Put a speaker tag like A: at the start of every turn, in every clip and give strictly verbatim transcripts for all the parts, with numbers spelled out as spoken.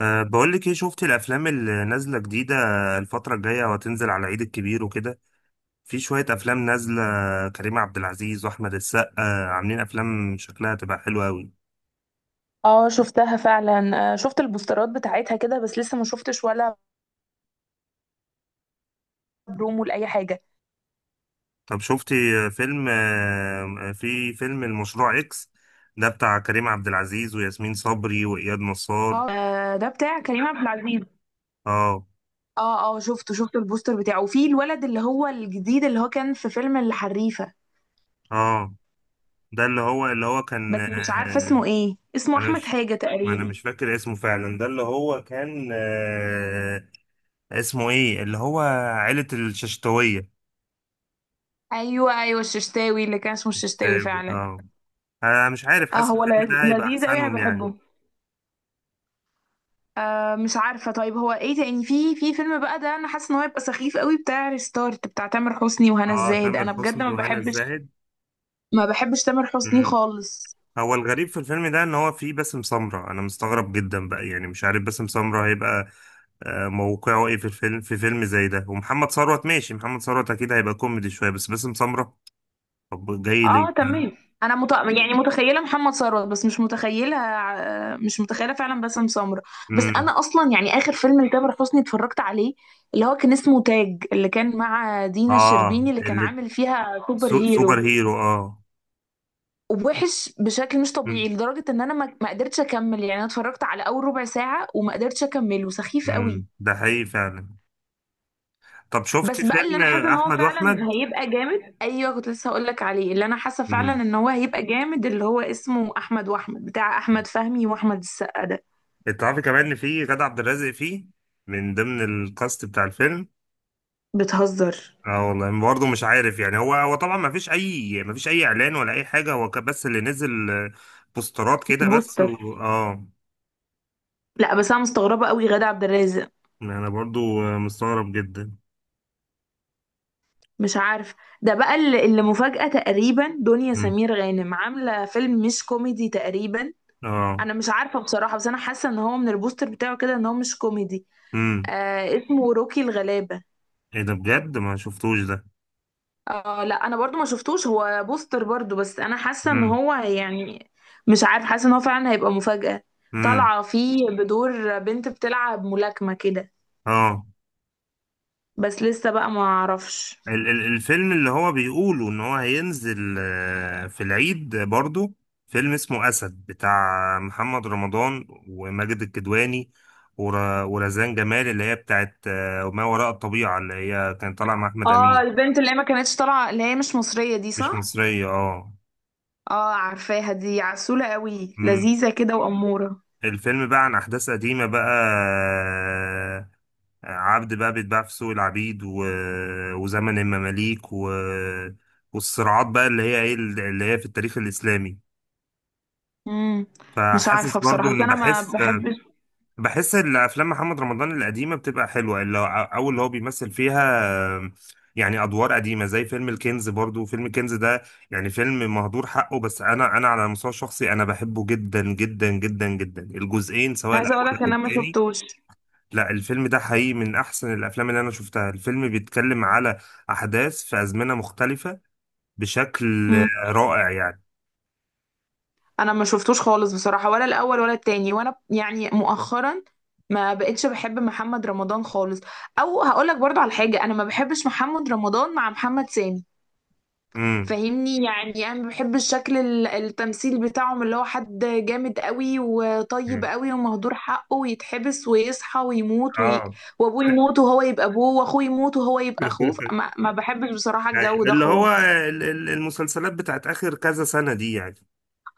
A: أه بقول لك ايه، شفت الافلام اللي نازله جديده الفتره الجايه وهتنزل على العيد الكبير وكده. في شويه افلام نازله. كريم عبد العزيز واحمد السقا عاملين افلام شكلها تبقى حلوه قوي.
B: اه، شفتها فعلا، آه، شفت البوسترات بتاعتها كده، بس لسه ما شفتش ولا برومو لاي حاجه.
A: طب شفتي فيلم؟ آه، في فيلم المشروع اكس ده بتاع كريم عبد العزيز وياسمين صبري واياد نصار.
B: اه، آه، ده بتاع كريم عبد العزيز.
A: اه
B: اه، اه، شفته شفت البوستر بتاعه، وفي الولد اللي هو الجديد، اللي هو كان في فيلم الحريفه،
A: اه ده اللي هو اللي هو كان
B: بس مش عارفه
A: آه،
B: اسمه ايه، اسمه
A: انا
B: احمد
A: مش
B: حاجه
A: انا
B: تقريبا.
A: مش فاكر اسمه فعلا. ده اللي هو كان أه، اسمه ايه؟ اللي هو عيلة الششتوية.
B: ايوه، ايوه، الششتاوي، اللي كان اسمه الششتاوي
A: الششتاوي
B: فعلا.
A: اه. انا مش عارف،
B: اه،
A: حاسس
B: هو
A: الفيلم
B: ل-
A: ده هيبقى
B: لذيذ قوي، انا
A: احسنهم يعني.
B: بحبه. آه مش عارفه، طيب هو ايه تاني، في في فيلم بقى ده، انا حاسه ان هو يبقى سخيف قوي، بتاع ريستارت، بتاع تامر حسني وهنا
A: اه
B: الزاهد،
A: تامر
B: انا بجد
A: حسني
B: ما
A: وهنا
B: بحبش.
A: الزاهد.
B: ما بحبش تامر حسني
A: مم.
B: خالص.
A: هو الغريب في الفيلم ده ان هو فيه باسم سمرة. انا مستغرب جدا بقى، يعني مش عارف باسم سمرة هيبقى آه، موقعه ايه في الفيلم، في فيلم زي ده. ومحمد ثروت ماشي، محمد ثروت اكيد هيبقى كوميدي شوية، بس باسم سمرة طب جاي ليه؟
B: اه، تمام. انا مت... يعني متخيله محمد ثروت، بس مش متخيله ع- مش متخيله فعلا باسم سمرة. بس
A: امم.
B: انا اصلا يعني اخر فيلم لتامر حسني اتفرجت عليه، اللي هو كان اسمه تاج، اللي كان مع دينا
A: اه
B: الشربيني، اللي كان
A: اللي
B: عامل فيها سوبر
A: سو- سوبر
B: هيرو،
A: هيرو اه.
B: ووحش بشكل مش
A: مم.
B: طبيعي، لدرجه ان انا ما ما قدرتش اكمل، يعني انا اتفرجت على اول ربع ساعه وما قدرتش اكمله، سخيف قوي.
A: مم. ده حقيقي فعلا. طب شفتي
B: بس بقى اللي
A: فيلم
B: انا حاسه ان هو
A: احمد
B: فعلا
A: واحمد؟
B: هيبقى جامد، ايوه كنت لسه هقول لك عليه، اللي انا حاسه فعلا
A: امم.
B: ان هو هيبقى جامد، اللي هو اسمه احمد واحمد، بتاع احمد فهمي واحمد السقا ده.
A: تعرفي كمان ان في غادة عبد الرازق فيه، من ضمن الكاست بتاع الفيلم.
B: بتهزر؟
A: اه والله برضه مش عارف يعني. هو هو طبعا ما فيش اي ما فيش اي اعلان ولا اي حاجه. هو كان بس اللي نزل آه، بوسترات كده بس
B: البوستر.
A: و اه.
B: لا، بس انا مستغربه قوي غادة عبد الرازق.
A: انا برضه آه، مستغرب جدا.
B: مش عارف. ده بقى اللي اللي مفاجاه تقريبا، دنيا
A: امم.
B: سمير غانم عامله فيلم مش كوميدي تقريبا.
A: اه.
B: انا مش عارفه بصراحه، بس انا حاسه ان هو من البوستر بتاعه كده ان هو مش كوميدي.
A: امم.
B: آه اسمه روكي الغلابه.
A: ايه ده بجد؟ ما شفتوش ده.
B: اه، لا انا برضو ما شفتوش، هو بوستر برضو، بس انا حاسه ان
A: امم.
B: هو يعني، مش عارف، حاسه ان هو فعلا هيبقى مفاجأة.
A: امم.
B: طالعه فيه بدور بنت بتلعب ملاكمه كده،
A: اه.
B: بس لسه بقى ما اعرفش.
A: ال- ال- الفيلم اللي هو بيقولوا ان هو هينزل آه، في العيد برضو، فيلم اسمه اسد بتاع محمد رمضان وماجد الكدواني ور- ورزان جمال اللي هي بتاعت آه، ما وراء الطبيعة، اللي هي كان طالع مع احمد
B: اه،
A: امين.
B: البنت اللي هي ما كانتش طالعه، اللي هي مش مصريه، دي
A: مش
B: صح؟
A: مصرية اه.
B: اه، عارفاها، دي عسوله قوي،
A: مم.
B: لذيذه كده واموره.
A: الفيلم بقى عن احداث قديمة بقى، آه، عبد بقى بيتباع في سوق العبيد، و... وزمن المماليك، و... والصراعات بقى اللي هي ايه، اللي هي في التاريخ الاسلامي.
B: امم. مش
A: فحاسس
B: عارفه
A: برضو
B: بصراحه، بس
A: ان
B: انا ما
A: بحس
B: بحبش.
A: بحس ان افلام محمد رمضان القديمه بتبقى حلوه، اللي هو او اللي هو بيمثل فيها. آه، يعني ادوار قديمه زي فيلم الكنز. برضو فيلم الكنز ده يعني فيلم مهدور حقه. بس انا انا على المستوى الشخصي انا بحبه جدا جدا جدا جدا، الجزئين سواء
B: عايزه اقول لك
A: الاول
B: ان
A: او
B: انا ما
A: الثاني.
B: شفتوش.
A: لا، الفيلم ده حقيقي من احسن الافلام اللي انا شفتها. الفيلم بيتكلم على احداث في ازمنه مختلفه بشكل رائع يعني.
B: انا ما شفتوش خالص بصراحة، ولا الاول ولا التاني، وانا يعني مؤخرا ما بقتش بحب محمد رمضان خالص. او هقولك برضو على حاجة، انا ما بحبش محمد رمضان مع محمد سامي.
A: امم.
B: فاهمني؟ يعني انا ما بحبش شكل ال- التمثيل بتاعهم، اللي هو حد جامد قوي وطيب
A: امم.
B: قوي ومهدور حقه، ويتحبس ويصحى ويموت وي...
A: اه.
B: وابوه يموت وهو يبقى ابوه، واخوه يموت وهو يبقى اخوه، ما... ما بحبش بصراحة
A: أيوة.
B: الجو ده
A: اللي هو
B: خالص.
A: ال- ال- المسلسلات بتاعت آخر كذا سنة دي يعني.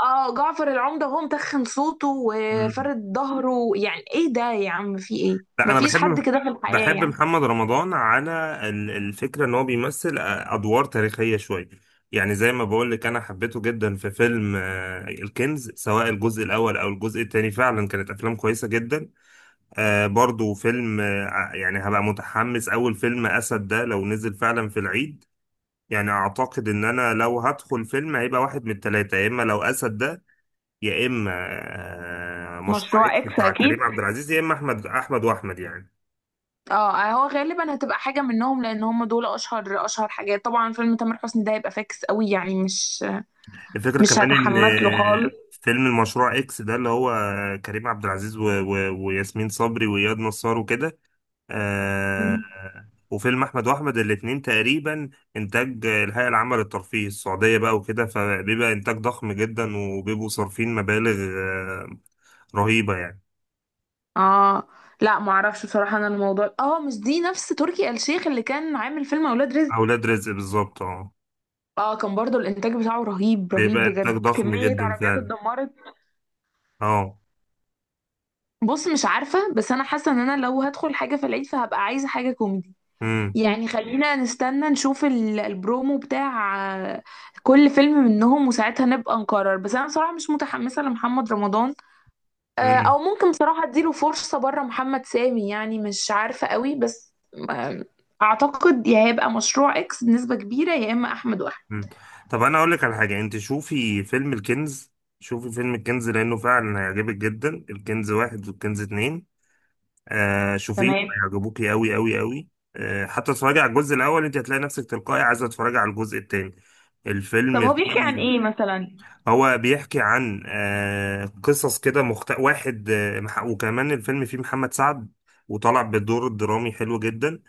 B: اه، جعفر العمدة، هو متخن صوته
A: مم.
B: وفرد ظهره، يعني ايه ده يا عم، في ايه؟
A: لا، أنا
B: مفيش
A: بحب
B: حد
A: مح-
B: كده في الحياة
A: بحب
B: يعني.
A: محمد رمضان على ال- الفكرة إن هو بيمثل أدوار تاريخية شوية. يعني زي ما بقول لك، أنا حبيته جدا في فيلم آه، الكنز، سواء الجزء الأول أو الجزء التاني، فعلا كانت أفلام كويسة جدا. آه، برضو فيلم آه، ع- يعني هبقى متحمس أول فيلم أسد ده لو نزل فعلا في العيد. يعني أعتقد إن أنا لو هدخل فيلم هيبقى واحد من التلاتة، يا إما لو أسد ده، يا اما آه، مشروع
B: مشروع
A: اكس
B: اكس
A: بتاع
B: اكيد.
A: كريم عبد العزيز، يا اما احمد احمد واحمد يعني.
B: اه، هو غالبا هتبقى حاجة منهم، لان هم دول اشهر اشهر حاجات طبعا. فيلم تامر حسني ده هيبقى فاكس قوي يعني، مش
A: الفكره
B: مش
A: كمان ان
B: هتحمس له خالص.
A: آه، فيلم المشروع اكس ده اللي هو كريم عبد العزيز و... و... وياسمين صبري واياد نصار وكده. آه،
B: مم.
A: وفيلم احمد واحمد الاتنين تقريبا انتاج الهيئه العامه للترفيه السعوديه بقى وكده، فبيبقى انتاج ضخم جدا وبيبقوا صارفين مبالغ آه، رهيبه يعني.
B: اه، لا معرفش بصراحة، انا الموضوع اه مش دي نفس تركي آل الشيخ اللي كان عامل فيلم اولاد رزق؟
A: اولاد رزق بالظبط اه.
B: اه، كان برضو الانتاج بتاعه رهيب رهيب
A: بيبقى انتاج
B: بجد،
A: ضخم
B: كمية
A: جدا
B: عربيات
A: فعلا.
B: اتدمرت.
A: اه.
B: بص، مش عارفة، بس أنا حاسة إن أنا لو هدخل حاجة في العيد فهبقى عايزة حاجة كوميدي. يعني خلينا نستنى نشوف ال- البرومو بتاع آه، كل فيلم منهم، وساعتها نبقى نقرر، بس أنا بصراحة مش متحمسة لمحمد رمضان. آه،
A: امم.
B: أو ممكن بصراحة أديله فرصة بره محمد سامي، يعني مش عارفة قوي، بس آه، أعتقد يا هيبقى مشروع إكس بنسبة كبيرة، يا إما أحمد وأحمد.
A: مم. طب انا اقول لك على حاجه، انت شوفي فيلم الكنز. شوفي فيلم الكنز لانه فعلا هيعجبك جدا. الكنز واحد والكنز اتنين، آه شوفيه
B: تمام.
A: هيعجبوكي قوي قوي قوي. آه حتى اتفرجي على الجزء الاول، انت هتلاقي نفسك تلقائي عايزه تتفرجي على الجزء التاني.
B: طب،
A: الفيلم
B: هو بيحكي
A: فيه،
B: عن ايه مثلا؟
A: هو بيحكي عن آه قصص كده مخت... واحد آه مح- وكمان الفيلم فيه محمد سعد، وطلع بدور درامي حلو جدا.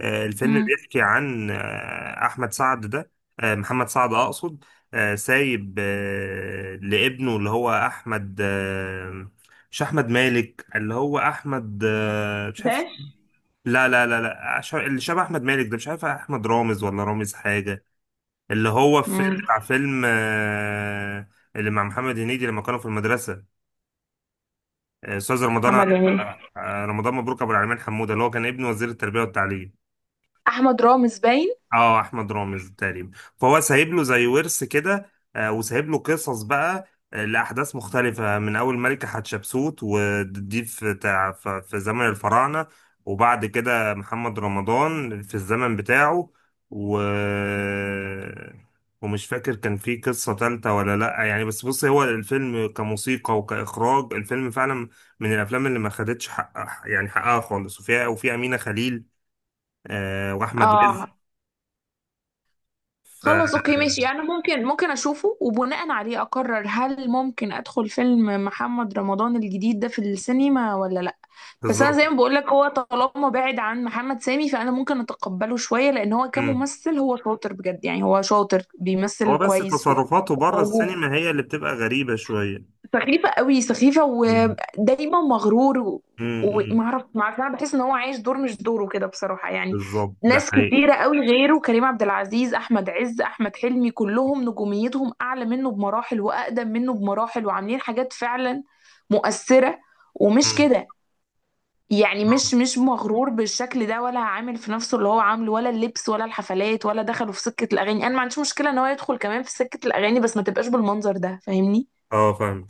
A: آه، الفيلم
B: مم.
A: بيحكي عن آه، أحمد سعد ده، آه، محمد سعد أقصد، آه، سايب آه، لابنه اللي هو أحمد، آه، مش أحمد مالك، اللي هو أحمد آه، مش عارف.
B: ده.
A: لا لا لا لا ش- اللي شبه أحمد مالك ده، مش عارف، أحمد رامز ولا رامز حاجة. اللي هو في
B: مم.
A: بتاع فيلم آه، اللي مع محمد هنيدي لما كانوا في المدرسة، آه، أستاذ رمضان، آه،
B: محمد هنيدي.
A: آه، رمضان مبروك أبو العلمين حمودة، اللي هو كان ابن وزير التربية والتعليم.
B: أحمد رامز باين.
A: اه احمد رامز تقريبا. فهو سايب له زي ورث كده، آه، وسايب له قصص بقى، آه، لاحداث مختلفه، من اول ملكه حتشبسوت، ودي في تع- ف- في زمن الفراعنه، وبعد كده محمد رمضان في الزمن بتاعه، و ومش فاكر كان في قصة تالتة ولا لأ يعني. بس بص، هو الفيلم كموسيقى وكإخراج، الفيلم فعلا من الأفلام اللي ما خدتش حقها يعني، حقها خالص. وفيها، وفي أمينة خليل، آه، وأحمد
B: اه، خلص،
A: رزق
B: اوكي، ماشي، يعني ممكن ممكن اشوفه وبناء عليه اقرر، هل ممكن ادخل فيلم محمد رمضان الجديد ده في السينما ولا لا؟ بس انا
A: بالظبط.
B: زي ما بقول لك، هو طالما بعد عن محمد سامي فانا ممكن اتقبله شوية، لان هو
A: مم.
B: كممثل هو شاطر بجد، يعني هو شاطر
A: هو
B: بيمثل
A: بس
B: كويس،
A: تصرفاته بره
B: وموهوب.
A: السينما هي اللي بتبقى غريبة شوية.
B: سخيفة قوي، سخيفة
A: مم.
B: ودايما مغرور و-
A: مم. مم.
B: ومعرف معرف انا بحس ان هو عايش دور مش دوره كده بصراحة يعني.
A: بالظبط ده
B: ناس
A: حقيقي.
B: كتيرة قوي غيره، كريم عبد العزيز، احمد عز، احمد حلمي، كلهم نجوميتهم اعلى منه بمراحل، واقدم منه بمراحل، وعاملين حاجات فعلا مؤثرة. ومش
A: مم.
B: كده يعني، مش مش مغرور بالشكل ده، ولا عامل في نفسه اللي هو عامله، ولا اللبس، ولا الحفلات، ولا دخله في سكة الاغاني، انا ما عنديش مشكلة ان هو يدخل كمان في سكة الاغاني، بس ما تبقاش بالمنظر ده، فاهمني؟
A: اه فاهم.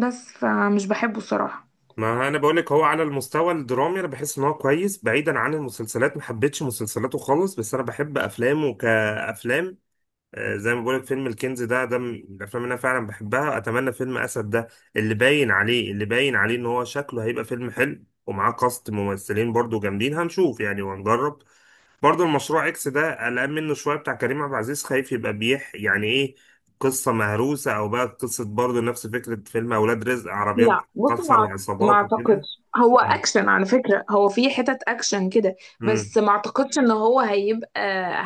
B: بس فمش بحبه الصراحة.
A: ما انا بقول لك، هو على المستوى الدرامي انا بحس ان هو كويس، بعيدا عن المسلسلات. ما حبيتش مسلسلاته خالص، بس انا بحب افلامه كافلام. آه، زي ما بقول لك فيلم الكنز ده ده من الافلام اللي انا فعلا بحبها. اتمنى فيلم اسد ده، اللي باين عليه اللي باين عليه ان هو شكله هيبقى فيلم حلو، ومعاه كاست ممثلين برضو جامدين. هنشوف يعني وهنجرب. برضه المشروع اكس ده قلقان منه شويه، بتاع كريم عبد العزيز، خايف يبقى بيح يعني، ايه، قصه مهروسه، او بقى قصه برضه نفس فكره فيلم اولاد رزق، عربيات
B: لا بصي،
A: كسر
B: ما، ما
A: وعصابات وكده.
B: اعتقدش، هو
A: مم.
B: اكشن على فكرة، هو في حتت اكشن كده.
A: مم.
B: بس ما اعتقدش ان هو هيبقى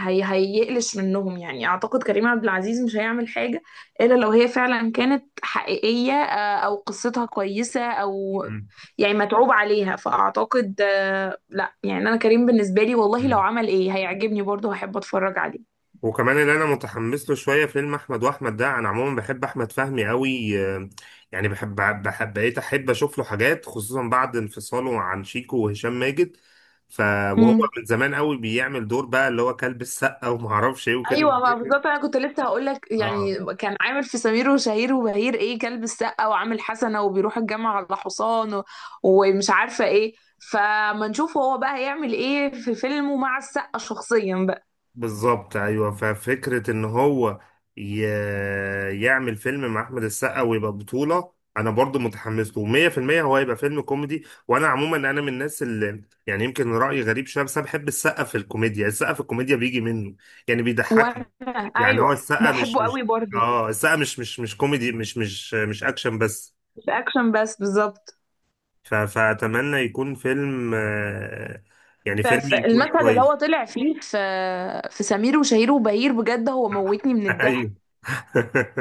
B: هي هيقلش منهم يعني، اعتقد كريم عبد العزيز مش هيعمل حاجة الا لو هي فعلا كانت حقيقية، آه، او قصتها كويسة، او
A: مم.
B: يعني متعوب عليها، فاعتقد آه، لا يعني، انا كريم بالنسبة لي والله لو
A: مم.
B: عمل ايه هيعجبني برضه، هحب اتفرج
A: وكمان اللي انا متحمس له شويه فيلم احمد واحمد ده. انا عموما بحب احمد فهمي قوي، آه، يعني بحب بحب بقيت احب اشوف له حاجات، خصوصا بعد انفصاله عن شيكو وهشام ماجد. ف وهو
B: عليه.
A: من زمان قوي بيعمل دور بقى، اللي هو كلب السقه وما اعرفش ايه وكده.
B: ايوه، ما بالظبط، انا كنت لسه هقول لك، يعني
A: اه
B: كان عامل في سمير وشهير وبهير، ايه، كلب السقه، وعامل حسنه، وبيروح الجامعه على حصان و... ومش عارفه ايه. فما نشوف هو بقى هيعمل ايه في فيلمه مع السقه شخصيا بقى.
A: بالظبط ايوه. ففكره ان هو ي... يعمل فيلم مع احمد السقا ويبقى بطوله، انا برضو متحمس له مية في المية. هو هيبقى فيلم كوميدي، وانا عموما انا من الناس اللي يعني يمكن رايي غريب شويه، بس انا بحب السقا في الكوميديا. السقا في الكوميديا بيجي منه يعني، بيضحكني.
B: وانا،
A: يعني هو
B: ايوه،
A: السقا مش
B: بحبه قوي
A: مش
B: برضه.
A: اه، السقا مش مش مش كوميدي، مش مش مش اكشن بس.
B: مش اكشن بس بالظبط.
A: ف... فاتمنى يكون فيلم، آه، يعني فيلم يكون
B: فالمشهد اللي هو
A: كويس.
B: طلع فيه في في سمير وشهير وبهير، بجد هو موتني من
A: ايوه.
B: الضحك.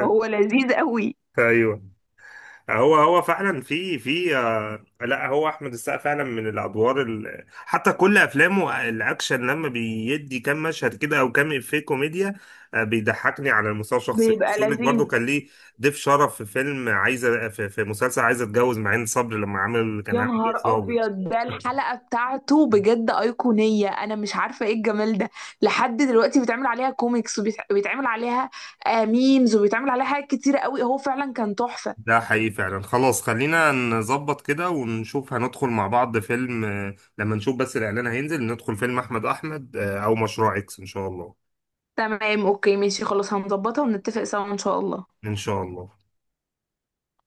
B: هو لذيذ قوي.
A: ايوه. هو هو فعلا، في في آه، لا هو احمد السقا فعلا من الادوار ال... حتى كل افلامه، آه، الاكشن لما بيدي كام مشهد كده او كام افيه كوميديا، آه، بيضحكني على المستوى الشخصي. بس
B: بيبقى
A: يقول لك برضه
B: لذيذ.
A: كان ليه ضيف شرف في فيلم عايزه، في, في مسلسل عايزه اتجوز، معين صبري لما عمل، كان
B: يا
A: عامل ضيف
B: نهار
A: ضابط.
B: ابيض، ده الحلقه بتاعته بجد ايقونيه، انا مش عارفه ايه الجمال ده. لحد دلوقتي بيتعمل عليها كوميكس، وبيتعمل عليها آه، ميمز، وبيتعمل عليها حاجات كتيره قوي، هو فعلا كان تحفه.
A: ده حقيقي فعلا. خلاص خلينا نظبط كده ونشوف هندخل مع بعض فيلم، آه، لما نشوف بس الاعلان هينزل، ندخل فيلم احمد احمد آه، او مشروع اكس ان شاء الله.
B: تمام، اوكي، ماشي، خلاص، هنظبطها ونتفق سوا، ان شاء الله.
A: إن شاء الله.